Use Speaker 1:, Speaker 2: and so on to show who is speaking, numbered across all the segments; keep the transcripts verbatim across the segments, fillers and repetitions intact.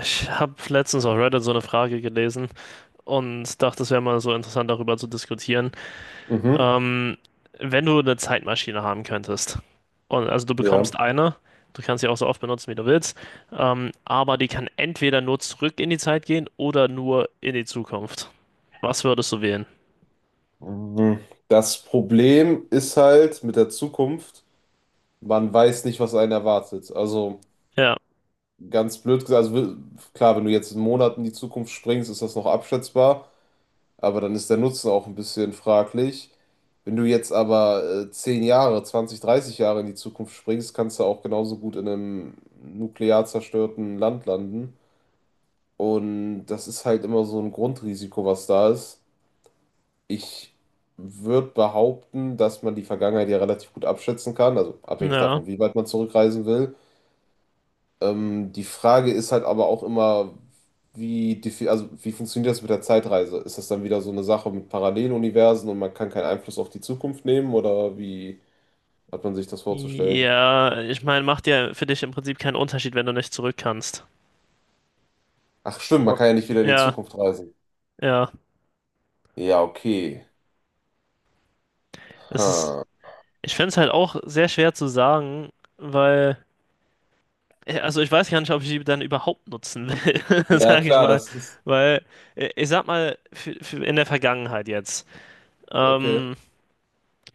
Speaker 1: Ich habe letztens auf Reddit so eine Frage gelesen und dachte, es wäre mal so interessant, darüber zu diskutieren.
Speaker 2: Mhm,
Speaker 1: Ähm, Wenn du eine Zeitmaschine haben könntest, und also du bekommst
Speaker 2: ja.
Speaker 1: eine, du kannst sie auch so oft benutzen, wie du willst, ähm, aber die kann entweder nur zurück in die Zeit gehen oder nur in die Zukunft. Was würdest du wählen?
Speaker 2: Mhm. Das Problem ist halt mit der Zukunft, man weiß nicht, was einen erwartet. Also
Speaker 1: Ja,
Speaker 2: ganz blöd gesagt, also wi- klar, wenn du jetzt einen Monat in die Zukunft springst, ist das noch abschätzbar, aber dann ist der Nutzen auch ein bisschen fraglich. Wenn du jetzt aber äh, zehn Jahre, zwanzig, dreißig Jahre in die Zukunft springst, kannst du auch genauso gut in einem nuklear zerstörten Land landen. Und das ist halt immer so ein Grundrisiko, was da ist. Ich würde behaupten, dass man die Vergangenheit ja relativ gut abschätzen kann, also abhängig
Speaker 1: ja.
Speaker 2: davon, wie weit man zurückreisen will. Ähm, die Frage ist halt aber auch immer, wie, defi- also wie funktioniert das mit der Zeitreise? Ist das dann wieder so eine Sache mit Paralleluniversen und man kann keinen Einfluss auf die Zukunft nehmen oder wie hat man sich das vorzustellen?
Speaker 1: Ja, ich meine, macht ja für dich im Prinzip keinen Unterschied, wenn du nicht zurück kannst.
Speaker 2: Ach stimmt, man
Speaker 1: Oh.
Speaker 2: kann ja nicht wieder in die
Speaker 1: Ja,
Speaker 2: Zukunft reisen.
Speaker 1: ja.
Speaker 2: Ja, okay.
Speaker 1: Es ist.
Speaker 2: Ha.
Speaker 1: Ich fände es halt auch sehr schwer zu sagen, weil, äh, also ich weiß gar nicht, ob ich die dann überhaupt nutzen will,
Speaker 2: Ja,
Speaker 1: sage ich
Speaker 2: klar,
Speaker 1: mal.
Speaker 2: das ist.
Speaker 1: Weil, äh, ich sag mal, für, für in der Vergangenheit jetzt.
Speaker 2: Okay,
Speaker 1: Ähm,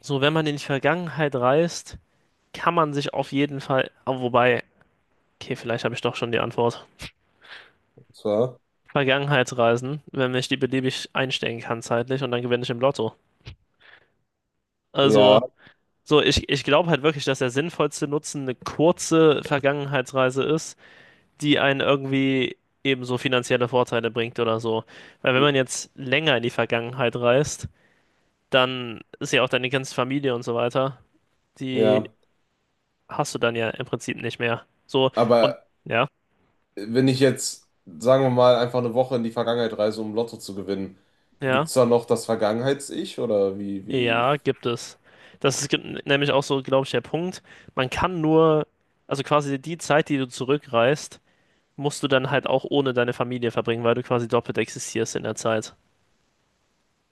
Speaker 1: so, wenn man in die Vergangenheit reist, kann man sich auf jeden Fall, ah, wobei, okay, vielleicht habe ich doch schon die Antwort.
Speaker 2: das.
Speaker 1: Vergangenheitsreisen, wenn ich die beliebig einstellen kann zeitlich und dann gewinne ich im Lotto. Also,
Speaker 2: Ja,
Speaker 1: so, ich, ich glaube halt wirklich, dass der sinnvollste Nutzen eine kurze Vergangenheitsreise ist, die einen irgendwie ebenso finanzielle Vorteile bringt oder so. Weil wenn man jetzt länger in die Vergangenheit reist, dann ist ja auch deine ganze Familie und so weiter, die
Speaker 2: ja.
Speaker 1: hast du dann ja im Prinzip nicht mehr. So, und
Speaker 2: Aber
Speaker 1: ja,
Speaker 2: wenn ich jetzt, sagen wir mal, einfach eine Woche in die Vergangenheit reise, um Lotto zu gewinnen, gibt
Speaker 1: ja,
Speaker 2: es da noch das Vergangenheits-Ich oder wie, wie?
Speaker 1: ja, gibt es. Das ist gen- nämlich auch so, glaube ich, der Punkt. Man kann nur, also quasi die Zeit, die du zurückreist, musst du dann halt auch ohne deine Familie verbringen, weil du quasi doppelt existierst in der Zeit.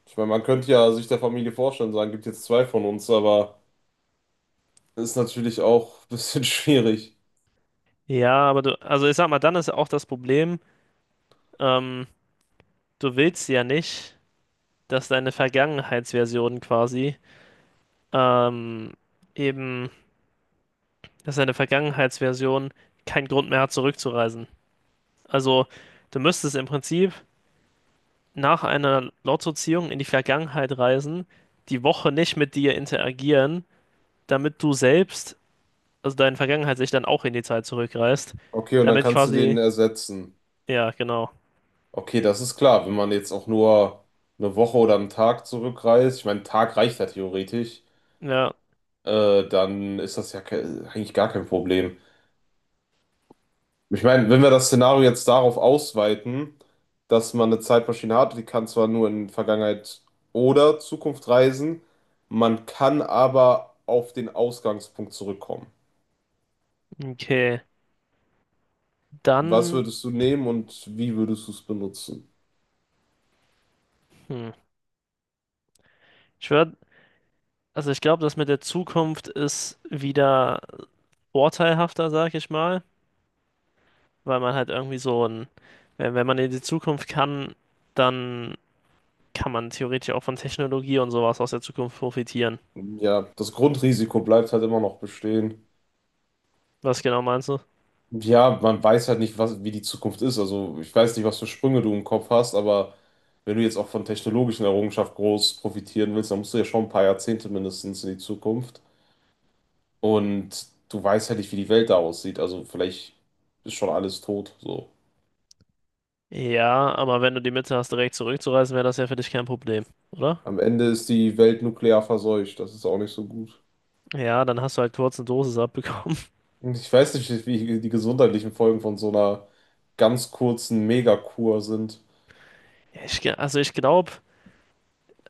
Speaker 2: Ich meine, man könnte ja sich der Familie vorstellen, sagen, gibt jetzt zwei von uns, aber ist natürlich auch ein bisschen schwierig.
Speaker 1: Ja, aber du, also ich sag mal, dann ist auch das Problem, ähm, du willst ja nicht, dass deine Vergangenheitsversion quasi ähm, eben, dass deine Vergangenheitsversion keinen Grund mehr hat, zurückzureisen. Also du müsstest im Prinzip nach einer Lottoziehung in die Vergangenheit reisen, die Woche nicht mit dir interagieren, damit du selbst, also deine Vergangenheit sich dann auch in die Zeit zurückreist,
Speaker 2: Okay, und dann
Speaker 1: damit
Speaker 2: kannst du den
Speaker 1: quasi,
Speaker 2: ersetzen.
Speaker 1: ja, genau.
Speaker 2: Okay, das ist klar, wenn man jetzt auch nur eine Woche oder einen Tag zurückreist, ich meine, ein Tag reicht ja theoretisch,
Speaker 1: Ja,
Speaker 2: äh, dann ist das ja ke- eigentlich gar kein Problem. Ich meine, wenn wir das Szenario jetzt darauf ausweiten, dass man eine Zeitmaschine hat, die kann zwar nur in Vergangenheit oder Zukunft reisen, man kann aber auf den Ausgangspunkt zurückkommen.
Speaker 1: okay.
Speaker 2: Was
Speaker 1: Dann,
Speaker 2: würdest du nehmen und wie würdest du es benutzen?
Speaker 1: hm, ich würde, also ich glaube, das mit der Zukunft ist wieder vorteilhafter, sag ich mal, weil man halt irgendwie so ein, wenn, wenn man in die Zukunft kann, dann kann man theoretisch auch von Technologie und sowas aus der Zukunft profitieren.
Speaker 2: Ja, das Grundrisiko bleibt halt immer noch bestehen.
Speaker 1: Was genau meinst du?
Speaker 2: Ja, man weiß halt nicht, was, wie die Zukunft ist. Also ich weiß nicht, was für Sprünge du im Kopf hast, aber wenn du jetzt auch von technologischen Errungenschaften groß profitieren willst, dann musst du ja schon ein paar Jahrzehnte mindestens in die Zukunft. Und du weißt halt nicht, wie die Welt da aussieht. Also vielleicht ist schon alles tot. So.
Speaker 1: Ja, aber wenn du die Mitte hast, direkt zurückzureisen, wäre das ja für dich kein Problem, oder?
Speaker 2: Am Ende ist die Welt nuklear verseucht. Das ist auch nicht so gut.
Speaker 1: Ja, dann hast du halt kurz eine Dosis abbekommen.
Speaker 2: Und ich weiß nicht, wie die gesundheitlichen Folgen von so einer ganz kurzen Megakur sind.
Speaker 1: Ja, Ich, ge- also ich glaube,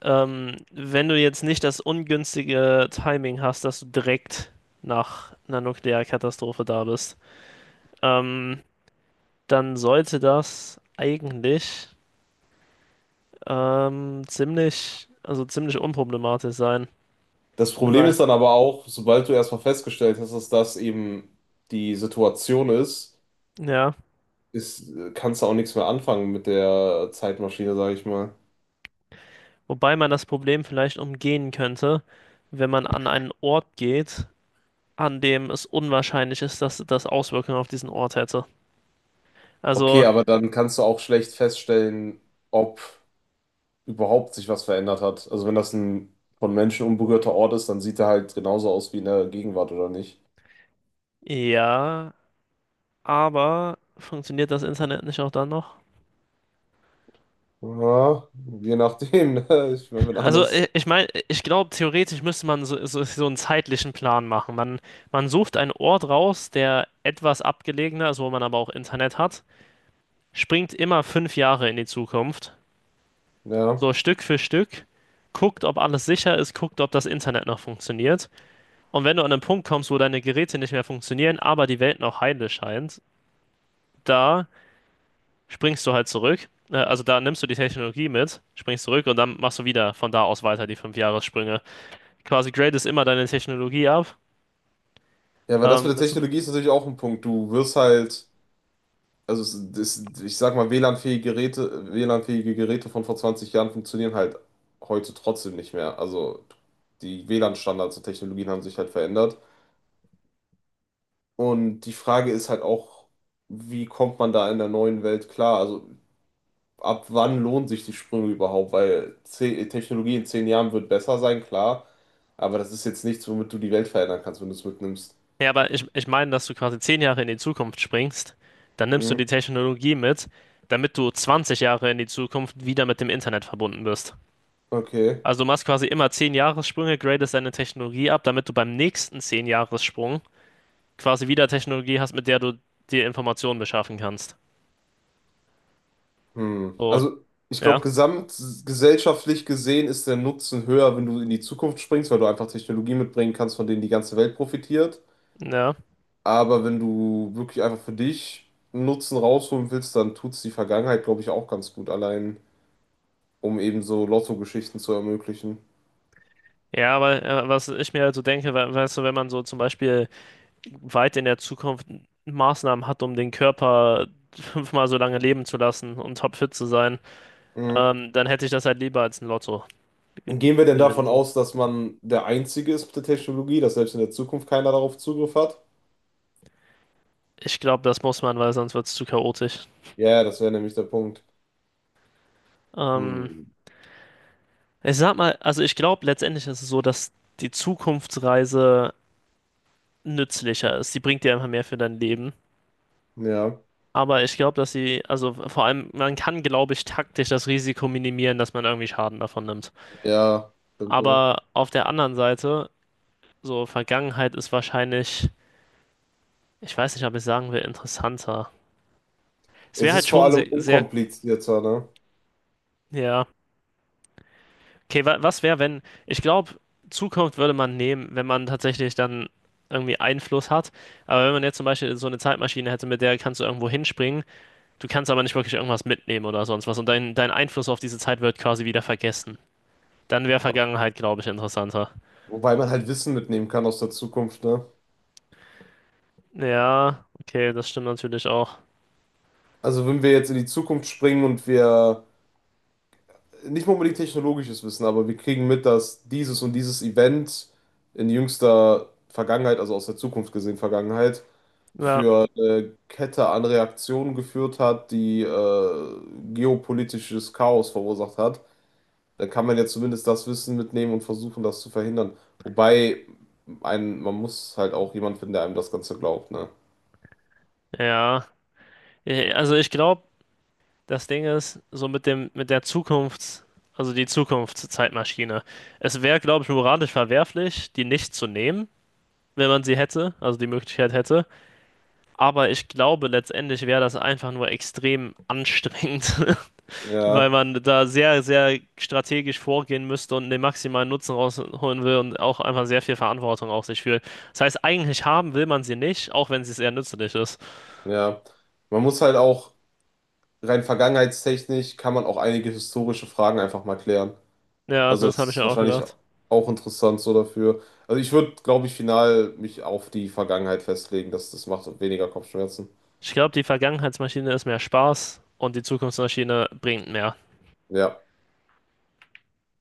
Speaker 1: ähm, wenn du jetzt nicht das ungünstige Timing hast, dass du direkt nach einer Nuklearkatastrophe da bist, ähm, dann sollte das eigentlich ähm, ziemlich, also ziemlich unproblematisch sein,
Speaker 2: Das Problem
Speaker 1: weil,
Speaker 2: ist dann aber auch, sobald du erstmal festgestellt hast, dass das eben die Situation ist,
Speaker 1: ja,
Speaker 2: ist, kannst du auch nichts mehr anfangen mit der Zeitmaschine, sage ich mal.
Speaker 1: wobei man das Problem vielleicht umgehen könnte, wenn man an einen Ort geht, an dem es unwahrscheinlich ist, dass das Auswirkungen auf diesen Ort hätte.
Speaker 2: Okay,
Speaker 1: Also,
Speaker 2: aber dann kannst du auch schlecht feststellen, ob überhaupt sich was verändert hat. Also wenn das ein von Menschen unberührter Ort ist, dann sieht er halt genauso aus wie in der Gegenwart, oder nicht?
Speaker 1: ja, aber funktioniert das Internet nicht auch dann noch?
Speaker 2: Ja, je nachdem, ne? Ich meine, wenn
Speaker 1: Also, i-
Speaker 2: alles,
Speaker 1: ich meine, ich glaube, theoretisch müsste man so, so, so einen zeitlichen Plan machen. Man, man sucht einen Ort raus, der etwas abgelegener ist, wo man aber auch Internet hat, springt immer fünf Jahre in die Zukunft,
Speaker 2: ja.
Speaker 1: so Stück für Stück, guckt, ob alles sicher ist, guckt, ob das Internet noch funktioniert. Und wenn du an einen Punkt kommst, wo deine Geräte nicht mehr funktionieren, aber die Welt noch heile scheint, da springst du halt zurück. Äh, Also da nimmst du die Technologie mit, springst zurück und dann machst du wieder von da aus weiter die fünf Jahressprünge. Quasi gradest immer deine Technologie ab.
Speaker 2: Ja, weil das
Speaker 1: Ähm,
Speaker 2: mit der
Speaker 1: das-
Speaker 2: Technologie ist natürlich auch ein Punkt. Du wirst halt, also es- das, ich sag mal, W L A N-fähige Geräte, W L A N-fähige Geräte von vor zwanzig Jahren funktionieren halt heute trotzdem nicht mehr. Also die W L A N-Standards und Technologien haben sich halt verändert. Und die Frage ist halt auch, wie kommt man da in der neuen Welt klar? Also ab wann lohnen sich die Sprünge überhaupt? Weil ze- Technologie in zehn Jahren wird besser sein, klar. Aber das ist jetzt nichts, womit du die Welt verändern kannst, wenn du es mitnimmst.
Speaker 1: Ja, aber ich, ich meine, dass du quasi zehn Jahre in die Zukunft springst, dann nimmst du
Speaker 2: Hm,
Speaker 1: die Technologie mit, damit du zwanzig Jahre in die Zukunft wieder mit dem Internet verbunden bist.
Speaker 2: okay.
Speaker 1: Also du machst quasi immer zehn Jahressprünge, gradest deine Technologie ab, damit du beim nächsten zehn Jahressprung quasi wieder Technologie hast, mit der du dir Informationen beschaffen kannst.
Speaker 2: Hm.
Speaker 1: So,
Speaker 2: Also, ich glaube,
Speaker 1: ja,
Speaker 2: gesamtgesellschaftlich gesehen ist der Nutzen höher, wenn du in die Zukunft springst, weil du einfach Technologie mitbringen kannst, von denen die ganze Welt profitiert.
Speaker 1: ja.
Speaker 2: Aber wenn du wirklich einfach für dich einen Nutzen rausholen willst, dann tut es die Vergangenheit, glaube ich, auch ganz gut allein, um eben so Lotto-Geschichten zu ermöglichen.
Speaker 1: Ja, aber äh, was ich mir also denke, we weißt du, wenn man so zum Beispiel weit in der Zukunft Maßnahmen hat, um den Körper fünfmal so lange leben zu lassen und topfit zu sein,
Speaker 2: Hm.
Speaker 1: Ähm, dann hätte ich das halt lieber als ein Lotto
Speaker 2: Gehen wir denn
Speaker 1: gewinnen.
Speaker 2: davon
Speaker 1: So.
Speaker 2: aus, dass man der Einzige ist mit der Technologie, dass selbst in der Zukunft keiner darauf Zugriff hat?
Speaker 1: Ich glaube, das muss man, weil sonst wird es zu chaotisch.
Speaker 2: Ja, das wäre nämlich der Punkt.
Speaker 1: Ähm,
Speaker 2: Hm.
Speaker 1: ich sag mal, also ich glaube, letztendlich ist es so, dass die Zukunftsreise nützlicher ist. Die bringt dir einfach mehr für dein Leben.
Speaker 2: Ja,
Speaker 1: Aber ich glaube, dass sie, also vor allem, man kann, glaube ich, taktisch das Risiko minimieren, dass man irgendwie Schaden davon nimmt.
Speaker 2: ja, stimmt wohl.
Speaker 1: Aber auf der anderen Seite, so Vergangenheit ist wahrscheinlich, ich weiß nicht, ob ich sagen will, interessanter. Es wäre
Speaker 2: Es
Speaker 1: halt
Speaker 2: ist vor
Speaker 1: schon
Speaker 2: allem
Speaker 1: sehr, sehr,
Speaker 2: unkomplizierter, ne?
Speaker 1: ja. Okay, wa was wäre, wenn, ich glaube, Zukunft würde man nehmen, wenn man tatsächlich dann irgendwie Einfluss hat. Aber wenn man jetzt zum Beispiel so eine Zeitmaschine hätte, mit der kannst du irgendwo hinspringen, du kannst aber nicht wirklich irgendwas mitnehmen oder sonst was und dein, dein Einfluss auf diese Zeit wird quasi wieder vergessen. Dann wäre Vergangenheit, glaube ich, interessanter.
Speaker 2: Wobei man halt Wissen mitnehmen kann aus der Zukunft, ne?
Speaker 1: Ja, okay, das stimmt natürlich auch.
Speaker 2: Also wenn wir jetzt in die Zukunft springen und wir nicht mal unbedingt technologisches Wissen, aber wir kriegen mit, dass dieses und dieses Event in jüngster Vergangenheit, also aus der Zukunft gesehen Vergangenheit,
Speaker 1: Ja.
Speaker 2: für eine Kette an Reaktionen geführt hat, die äh, geopolitisches Chaos verursacht hat, dann kann man ja zumindest das Wissen mitnehmen und versuchen, das zu verhindern. Wobei ein, man muss halt auch jemand finden, der einem das Ganze glaubt, ne?
Speaker 1: Ja, Äh, also ich glaube, das Ding ist, so mit dem, mit der Zukunft, also die Zukunftszeitmaschine. Es wäre, glaube ich, moralisch verwerflich, die nicht zu nehmen, wenn man sie hätte, also die Möglichkeit hätte. Aber ich glaube, letztendlich wäre das einfach nur extrem anstrengend, weil
Speaker 2: Ja,
Speaker 1: man da sehr, sehr strategisch vorgehen müsste und den maximalen Nutzen rausholen will und auch einfach sehr viel Verantwortung auf sich fühlt. Das heißt, eigentlich haben will man sie nicht, auch wenn sie sehr nützlich ist.
Speaker 2: ja. Man muss halt auch rein vergangenheitstechnisch kann man auch einige historische Fragen einfach mal klären.
Speaker 1: Ja,
Speaker 2: Also
Speaker 1: das
Speaker 2: das
Speaker 1: habe ich
Speaker 2: ist
Speaker 1: mir auch
Speaker 2: wahrscheinlich
Speaker 1: gedacht.
Speaker 2: auch interessant so dafür. Also ich würde, glaube ich, final mich auf die Vergangenheit festlegen, dass das macht und weniger Kopfschmerzen.
Speaker 1: Ich glaube, die Vergangenheitsmaschine ist mehr Spaß und die Zukunftsmaschine bringt mehr.
Speaker 2: Ja.